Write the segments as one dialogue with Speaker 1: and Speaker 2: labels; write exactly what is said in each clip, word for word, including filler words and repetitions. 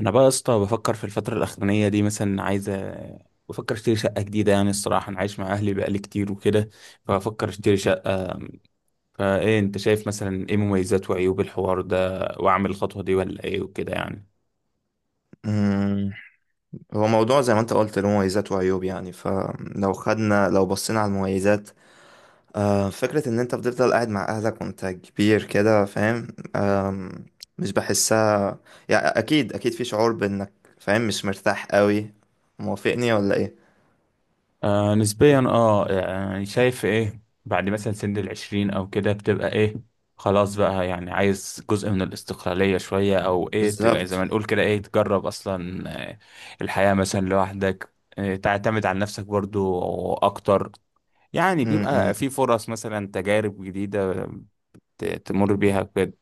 Speaker 1: انا بقى يا اسطى بفكر في الفتره الاخرانيه دي، مثلا عايز أ- بفكر اشتري شقه جديده. يعني الصراحه انا عايش مع اهلي بقالي كتير وكده، فبفكر اشتري شقه. فايه انت شايف مثلا ايه مميزات وعيوب الحوار ده واعمل الخطوه دي ولا ايه وكده يعني؟
Speaker 2: مم. هو موضوع زي ما انت قلت له مميزات وعيوب، يعني فلو خدنا لو بصينا على المميزات. آه، فكرة ان انت بتفضل قاعد مع اهلك وانت كبير كده، فاهم؟ آم، مش بحسها. يعني اكيد اكيد في شعور بانك فاهم، مش مرتاح قوي. موافقني ولا ايه؟
Speaker 1: آه نسبيا، اه يعني شايف ايه بعد مثلا سن العشرين او كده بتبقى ايه. خلاص بقى، يعني عايز جزء من الاستقلالية شوية او ايه تج- زي
Speaker 2: بالظبط.
Speaker 1: ما نقول كده، ايه تجرب اصلا. آه، الحياة مثلا لوحدك، آه، تعتمد على نفسك برضو اكتر. يعني
Speaker 2: مم،
Speaker 1: بيبقى
Speaker 2: مم.
Speaker 1: في فرص مثلا تجارب جديدة ت- تمر بيها كده.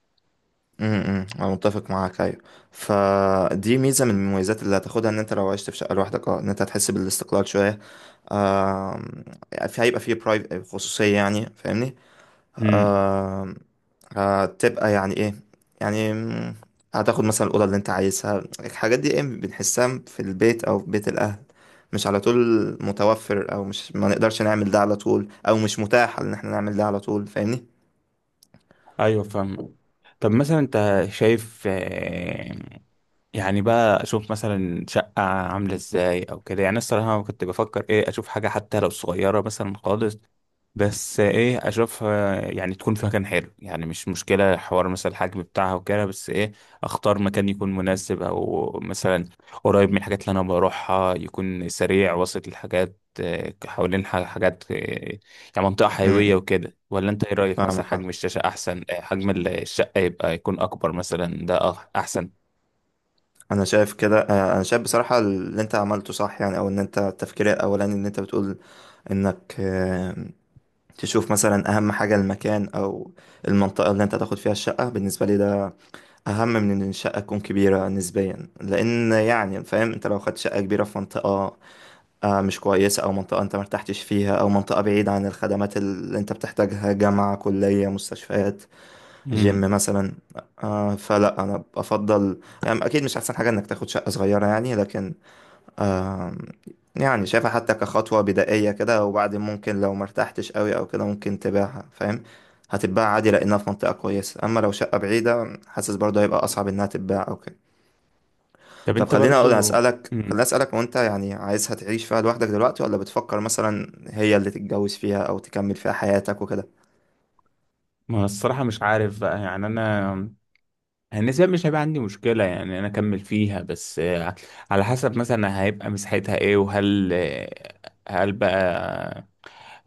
Speaker 2: امم امم. انا متفق معاك، ايوه. فدي ميزه من المميزات اللي هتاخدها، ان انت لو عشت في شقه لوحدك اه ان انت هتحس بالاستقلال شويه. آم، في هيبقى فيه برايف، خصوصيه، يعني فاهمني؟
Speaker 1: امم،
Speaker 2: آم، هتبقى يعني ايه، يعني مم، هتاخد مثلا الاوضه اللي انت عايزها. الحاجات دي ايه بنحسها في البيت او في بيت الاهل مش على طول متوفر، او مش ما نقدرش نعمل ده على طول، او مش متاح ان احنا نعمل ده على طول، فاهمني؟
Speaker 1: ايوه فاهم. طب مثلا انت شايف، آه، يعني بقى اشوف مثلا شقة عاملة ازاي او كده، يعني أنا الصراحة كنت بفكر ايه اشوف حاجة حتى لو صغيرة مثلا خالص، بس ايه اشوفها يعني تكون في مكان حلو، يعني مش مشكلة حوار مثلا الحجم بتاعها وكده، بس ايه اختار مكان يكون مناسب، او مثلا قريب من الحاجات اللي انا بروحها، يكون سريع وسط الحاجات، آه، حوالين ح- حاجات، آه، يعني منطقة
Speaker 2: امم
Speaker 1: حيوية
Speaker 2: امم.
Speaker 1: وكده. ولا انت ايه رأيك،
Speaker 2: فاهمك
Speaker 1: مثلا حجم
Speaker 2: فاهمك.
Speaker 1: الشاشة احسن آه، حجم الشقة يبقى يكون اكبر مثلا، ده أح- احسن؟
Speaker 2: انا شايف كده آه، انا شايف بصراحة اللي انت عملته صح، يعني او ان انت التفكير الاولاني ان انت بتقول انك آه، تشوف مثلا اهم حاجة المكان او المنطقة اللي انت تاخد فيها الشقة. بالنسبة لي ده اهم من ان الشقة تكون كبيرة نسبيا، لان يعني فاهم، انت لو خدت شقة كبيرة في منطقة آه، مش كويسة، او منطقة انت مرتحتش فيها، او منطقة بعيدة عن الخدمات اللي انت بتحتاجها، جامعة، كلية، مستشفيات، جيم
Speaker 1: مم.
Speaker 2: مثلا. آه فلا انا افضل يعني اكيد مش احسن حاجه انك تاخد شقه صغيره يعني، لكن آه يعني شايفها حتى كخطوه بدائيه كده، وبعدين ممكن لو مرتحتش قوي او كده ممكن تبيعها، فاهم؟ هتتباع عادي لانها في منطقه كويسه، اما لو شقه بعيده حاسس برضه هيبقى اصعب انها تتباع او كده.
Speaker 1: طب
Speaker 2: طب
Speaker 1: انت
Speaker 2: خليني اقول
Speaker 1: برضو.
Speaker 2: اسالك
Speaker 1: مم.
Speaker 2: خليني اسالك، وانت يعني عايزها تعيش فيها لوحدك دلوقتي، ولا بتفكر مثلا هي اللي تتجوز فيها او تكمل فيها حياتك وكده؟
Speaker 1: ما الصراحة مش عارف بقى، يعني انا النسبة مش هيبقى عندي مشكلة، يعني انا اكمل فيها، بس آه، على حسب مثلا هيبقى مساحتها ايه، وهل آه، هل بقى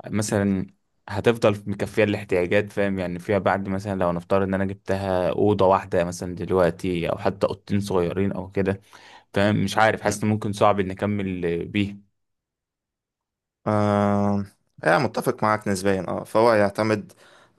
Speaker 1: مثلا هتفضل مكفية الاحتياجات، فاهم يعني فيها بعد، مثلا لو نفترض ان انا جبتها أوضة واحدة مثلا دلوقتي، او حتى أوضتين صغيرين او كده، فاهم مش عارف، حاسس ان ممكن صعب ان اكمل بيها.
Speaker 2: آه يعني متفق معاك نسبيا اه، فهو يعتمد.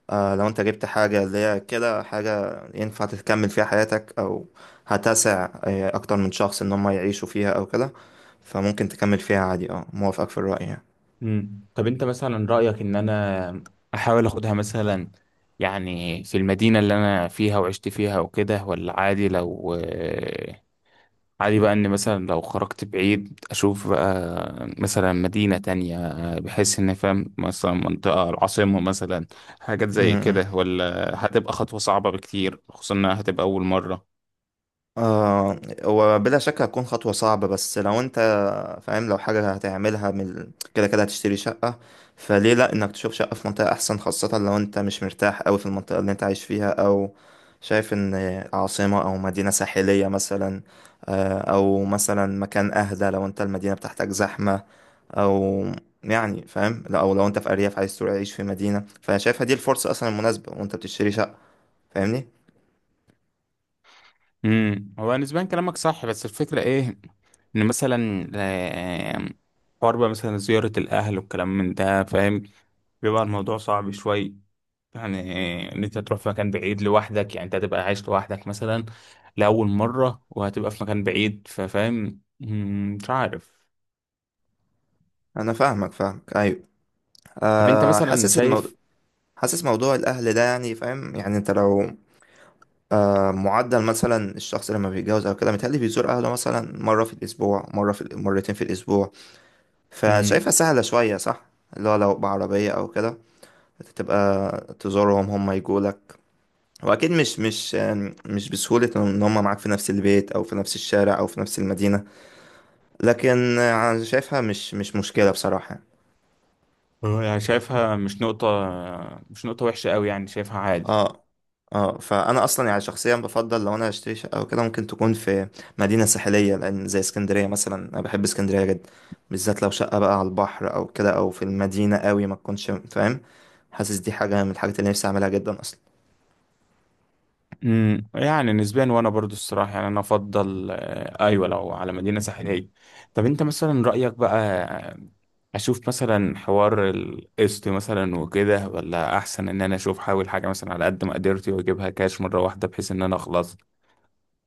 Speaker 2: آه لو انت جبت حاجة اللي هي كده حاجة ينفع تكمل فيها حياتك، او هتسع آه، اكتر من شخص ان هم يعيشوا فيها او كده، فممكن تكمل فيها عادي اه، موافقك في الرأي يعني.
Speaker 1: مم. طب انت مثلا رأيك ان انا احاول اخدها مثلا يعني في المدينة اللي انا فيها وعشت فيها وكده، ولا عادي لو آه، عادي بقى ان مثلا لو خرجت بعيد اشوف بقى مثلا مدينة تانية، آه، بحيث ان فاهم مثلا منطقة العاصمة مثلا، حاجات
Speaker 2: م-
Speaker 1: زي
Speaker 2: م.
Speaker 1: كده، ولا هتبقى خطوة صعبة بكتير خصوصا انها هتبقى اول مرة؟
Speaker 2: آه وبلا شك هتكون خطوة صعبة، بس لو انت فاهم، لو حاجة هتعملها من ال- كده كده هتشتري شقة، فليه لأ إنك تشوف شقة في منطقة أحسن، خاصة لو أنت مش مرتاح أوي في المنطقة اللي أنت عايش فيها، أو شايف إن عاصمة أو مدينة ساحلية مثلا، آه، أو مثلا مكان أهدى لو أنت المدينة بتاعتك زحمة، أو يعني فاهم لأ، أو لو أنت في أرياف عايز تروح تعيش في مدينة، فأنا شايفها دي الفرصة أصلا المناسبة، وأنت بتشتري شقة. فاهمني؟
Speaker 1: امم، هو نسبيا كلامك صح، بس الفكرة ايه ان مثلا آه، حوار بقى مثلا زيارة الاهل والكلام من ده، فاهم بيبقى الموضوع صعب شوي. يعني آه، ان انت تروح في مكان بعيد لوحدك، يعني انت هتبقى عايش لوحدك مثلا لأول مرة، وهتبقى في مكان بعيد، ففاهم مم، مش عارف.
Speaker 2: أنا فاهمك فاهمك، أيوه.
Speaker 1: طب انت
Speaker 2: أه
Speaker 1: مثلا
Speaker 2: حاسس الموضوع،
Speaker 1: شايف،
Speaker 2: حاسس موضوع الأهل ده. يعني فاهم، يعني أنت لو آه، معدل مثلا الشخص لما بيتجوز او كده متهيألي بيزور اهله مثلا مره في الاسبوع، مره في مرتين في الاسبوع، فشايفها
Speaker 1: مم،
Speaker 2: سهله شويه صح؟ اللي هو لو بعربيه او كده تبقى تزورهم، هم يجوا لك. واكيد مش مش يعني مش بسهوله ان هم معاك في نفس البيت، او في نفس الشارع، او في نفس المدينه، لكن آه، انا شايفها مش مش مشكله بصراحه.
Speaker 1: هو يعني شايفها مش نقطة مش نقطة وحشة قوي، يعني شايفها عادي.
Speaker 2: اه اه، فانا اصلا يعني شخصيا بفضل لو انا هشتري شقه او كده ممكن تكون في مدينه ساحليه، لان زي اسكندريه مثلا، انا بحب اسكندريه جدا. بالذات لو شقه بقى على البحر او كده، او في المدينه قوي ما تكونش فاهم. حاسس دي حاجه من الحاجات اللي نفسي اعملها جدا اصلا.
Speaker 1: امم، يعني نسبيا، وانا برضو الصراحه يعني انا افضل، آه ايوه لو على مدينه ساحليه. طب انت مثلا رايك بقى آه، اشوف مثلا حوار القسط مثلا وكده، ولا احسن ان انا اشوف حاول حاجه مثلا على قد مقدرتي واجيبها كاش مره واحده بحيث ان انا اخلص؟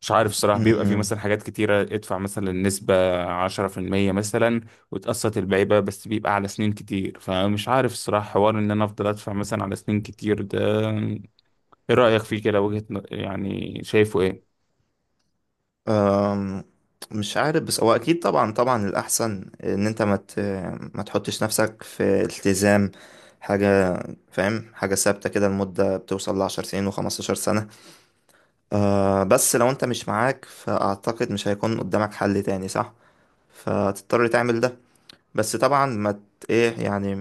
Speaker 1: مش عارف الصراحه، بيبقى في
Speaker 2: امم.
Speaker 1: مثلا حاجات كتيره، ادفع مثلا نسبه عشرة في المية مثلا وتقسط الباقي بقى، بس بيبقى على سنين كتير، فمش عارف الصراحه حوار ان انا افضل ادفع مثلا على سنين كتير ده، ايه رأيك فيه كده؟ وجهة ن- يعني شايفه ايه؟
Speaker 2: أم، مش عارف، بس هو اكيد طبعا طبعا الاحسن ان انت ما ت- ما تحطش نفسك في التزام حاجه، فاهم، حاجه ثابته كده لمده بتوصل لعشر سنين وخمستاشر سنه. آه بس لو انت مش معاك فاعتقد مش هيكون قدامك حل تاني صح، فتضطر تعمل ده. بس طبعا ما ت- ايه يعني،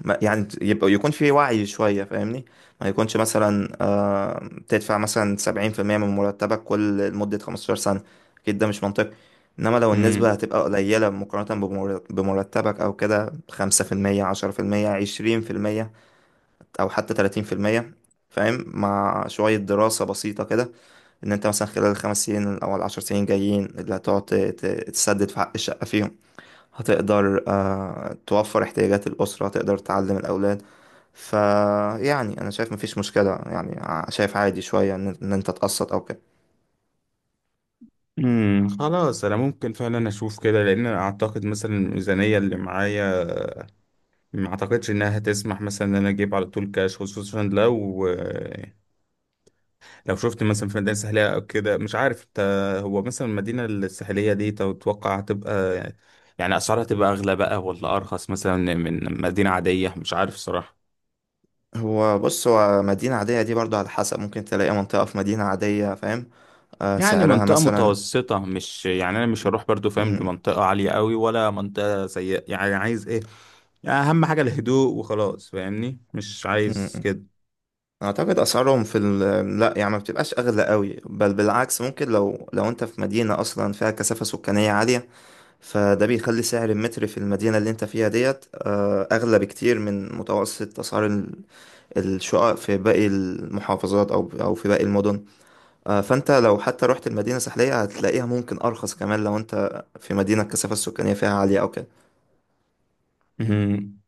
Speaker 2: ما يعني يبقى يكون في وعي شوية، فاهمني؟ ما يكونش مثلا آه تدفع مثلا سبعين في المية من مرتبك كل لمدة خمستاشر سنة، أكيد ده مش منطقي. إنما لو النسبة
Speaker 1: امم،
Speaker 2: هتبقى قليلة مقارنة بمر- بمرتبك أو كده، خمسة في المية، عشرة في المية، عشرين في المية، أو حتى تلاتين في المية، فاهم، مع شوية دراسة بسيطة كده ان انت مثلا خلال الخمس سنين او العشر سنين جايين اللي هتقعد ت- ت- تسدد في حق الشقة فيهم، هتقدر آه، توفر احتياجات الأسرة، هتقدر تعلم الأولاد. فيعني أنا شايف مفيش مشكلة يعني، ع- شايف عادي شوية إن إن أنت تقسط أو كده.
Speaker 1: امم، خلاص، انا ممكن فعلا اشوف كده، لان أنا اعتقد مثلا الميزانية اللي معايا ما اعتقدش انها هتسمح مثلا ان انا اجيب على طول كاش، خصوصا لو لو شفت مثلا في مدينة ساحلية او كده. مش عارف انت، هو مثلا المدينة الساحلية دي تتوقع هتبقى، يعني اسعارها تبقى اغلى بقى ولا ارخص مثلا من مدينة عادية؟ مش عارف صراحة،
Speaker 2: هو بص، هو مدينة عادية دي برضو على حسب، ممكن تلاقي منطقة في مدينة عادية فاهم آه،
Speaker 1: يعني
Speaker 2: سعرها
Speaker 1: منطقة
Speaker 2: مثلا
Speaker 1: متوسطة، مش يعني أنا مش هروح برضو فاهم
Speaker 2: مم،
Speaker 1: لمنطقة عالية قوي ولا منطقة سيئة، يعني عايز إيه يعني، أهم حاجة الهدوء وخلاص، فاهمني مش
Speaker 2: مم،
Speaker 1: عايز
Speaker 2: مم.
Speaker 1: كده.
Speaker 2: أعتقد أسعارهم في ال... لا يعني ما بتبقاش أغلى قوي، بل بالعكس ممكن لو لو أنت في مدينة أصلا فيها كثافة سكانية عالية، فده بيخلي سعر المتر في المدينة اللي انت فيها ديت آه، أغلى بكتير من متوسط أسعار ال- الشقق في باقي المحافظات، أو أو في باقي المدن. آه، فانت لو حتى رحت المدينة الساحلية هتلاقيها ممكن أرخص كمان لو انت في مدينة الكثافة السكانية فيها عالية أو كده.
Speaker 1: مهم.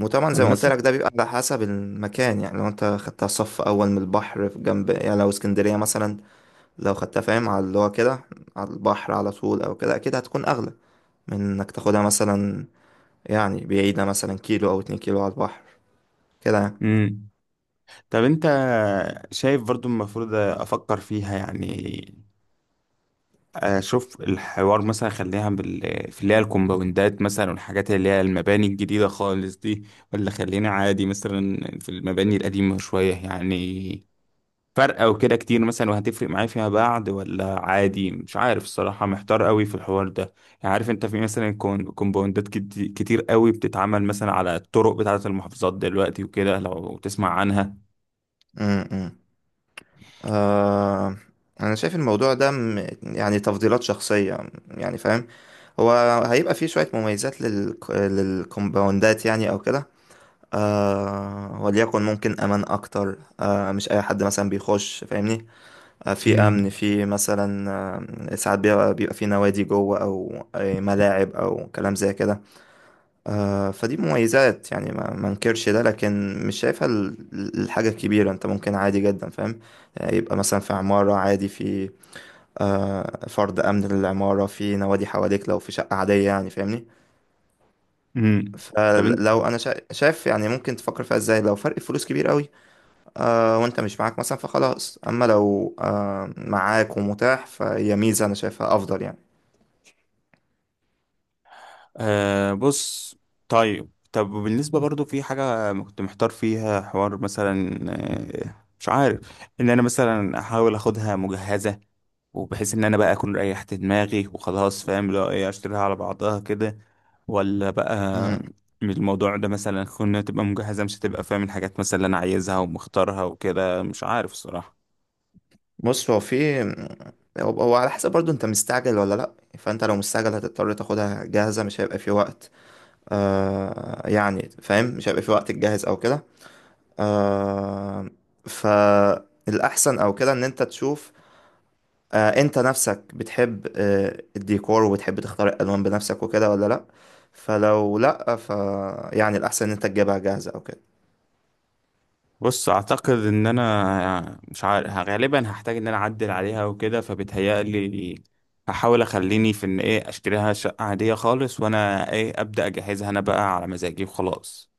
Speaker 2: وطبعا
Speaker 1: طب
Speaker 2: زي ما قلت لك
Speaker 1: مثلا.
Speaker 2: ده بيبقى على حسب المكان، يعني لو انت خدتها صف أول من البحر في جنب، يعني لو اسكندرية مثلا، لو خدتها فاهم على اللي هو كده على البحر على طول أو كده، أكيد هتكون أغلى من إنك تاخدها مثلا يعني بعيدة مثلا كيلو أو اتنين كيلو على البحر كده يعني.
Speaker 1: مم. طب أنت شايف برضو المفروض أفكر فيها، يعني أشوف الحوار مثلا، خليها بال... في اللي هي الكومباوندات مثلا والحاجات اللي هي المباني الجديدة خالص دي، ولا خلينا عادي مثلا في المباني القديمة شوية؟ يعني فرقة وكده كتير مثلا، وهتفرق معايا فيما بعد، ولا عادي؟ مش عارف الصراحة، محتار قوي في الحوار ده. يعني عارف انت في مثلا كون- كومباوندات كت- كتير قوي بتتعمل مثلا على الطرق بتاعة المحافظات دلوقتي وكده، لو تسمع عنها.
Speaker 2: م- م. آه أنا شايف الموضوع ده م- يعني تفضيلات شخصية، يعني فاهم. هو هيبقى فيه شوية مميزات لل... للكومباوندات يعني أو كده. آه، وليكن ممكن أمان أكتر، آه مش أي حد مثلا بيخش، فاهمني؟ آه، في أمن،
Speaker 1: امم،
Speaker 2: في مثلا آه ساعات بيبقى, بيبقى في نوادي جوه، أو آه، ملاعب أو كلام زي كده. آه، فدي مميزات يعني ما ما انكرش ده، لكن مش شايفها ال- الحاجة الكبيرة. انت ممكن عادي جدا فاهم، يعني يبقى مثلا في عمارة عادي في آه، فرض أمن للعمارة، في نوادي حواليك لو في شقة عادية، يعني فاهمني؟
Speaker 1: امم. طب انت.
Speaker 2: فلو أنا شا- شايف يعني ممكن تفكر فيها ازاي لو فرق الفلوس كبير قوي آه، وانت مش معاك مثلا، فخلاص. أما لو آه، معاك ومتاح، فهي ميزة أنا شايفها أفضل
Speaker 1: أه، بص. طيب، طب بالنسبة برضو في حاجة كنت محتار فيها، حوار مثلا آه، مش عارف ان انا مثلا احاول اخدها مجهزة، وبحيث ان انا بقى اكون ريحت دماغي وخلاص، فاهم لو ايه اشتريها على بعضها كده، ولا بقى
Speaker 2: يعني.
Speaker 1: من الموضوع ده مثلا كنا تبقى مجهزة، مش هتبقى فاهم الحاجات مثلا اللي انا عايزها ومختارها وكده، مش عارف الصراحة.
Speaker 2: بص، هو في هو هو على حسب برضو انت مستعجل ولا لا. فانت لو مستعجل هتضطر تاخدها جاهزة، مش هيبقى في وقت آه يعني فاهم، مش هيبقى في وقت تجهز او كده. آه فالأحسن او كده ان انت تشوف آه انت نفسك بتحب آه الديكور، وبتحب تختار الألوان بنفسك وكده ولا لا. فلو لا ف يعني الأحسن ان انت تجيبها جاهزة او كده.
Speaker 1: بص اعتقد ان انا مش عارف غالبا هحتاج ان انا اعدل عليها وكده، فبتهيألي هحاول اخليني في ان ايه اشتريها شقة عادية خالص، وانا ايه ابدأ اجهزها انا بقى على مزاجي وخلاص.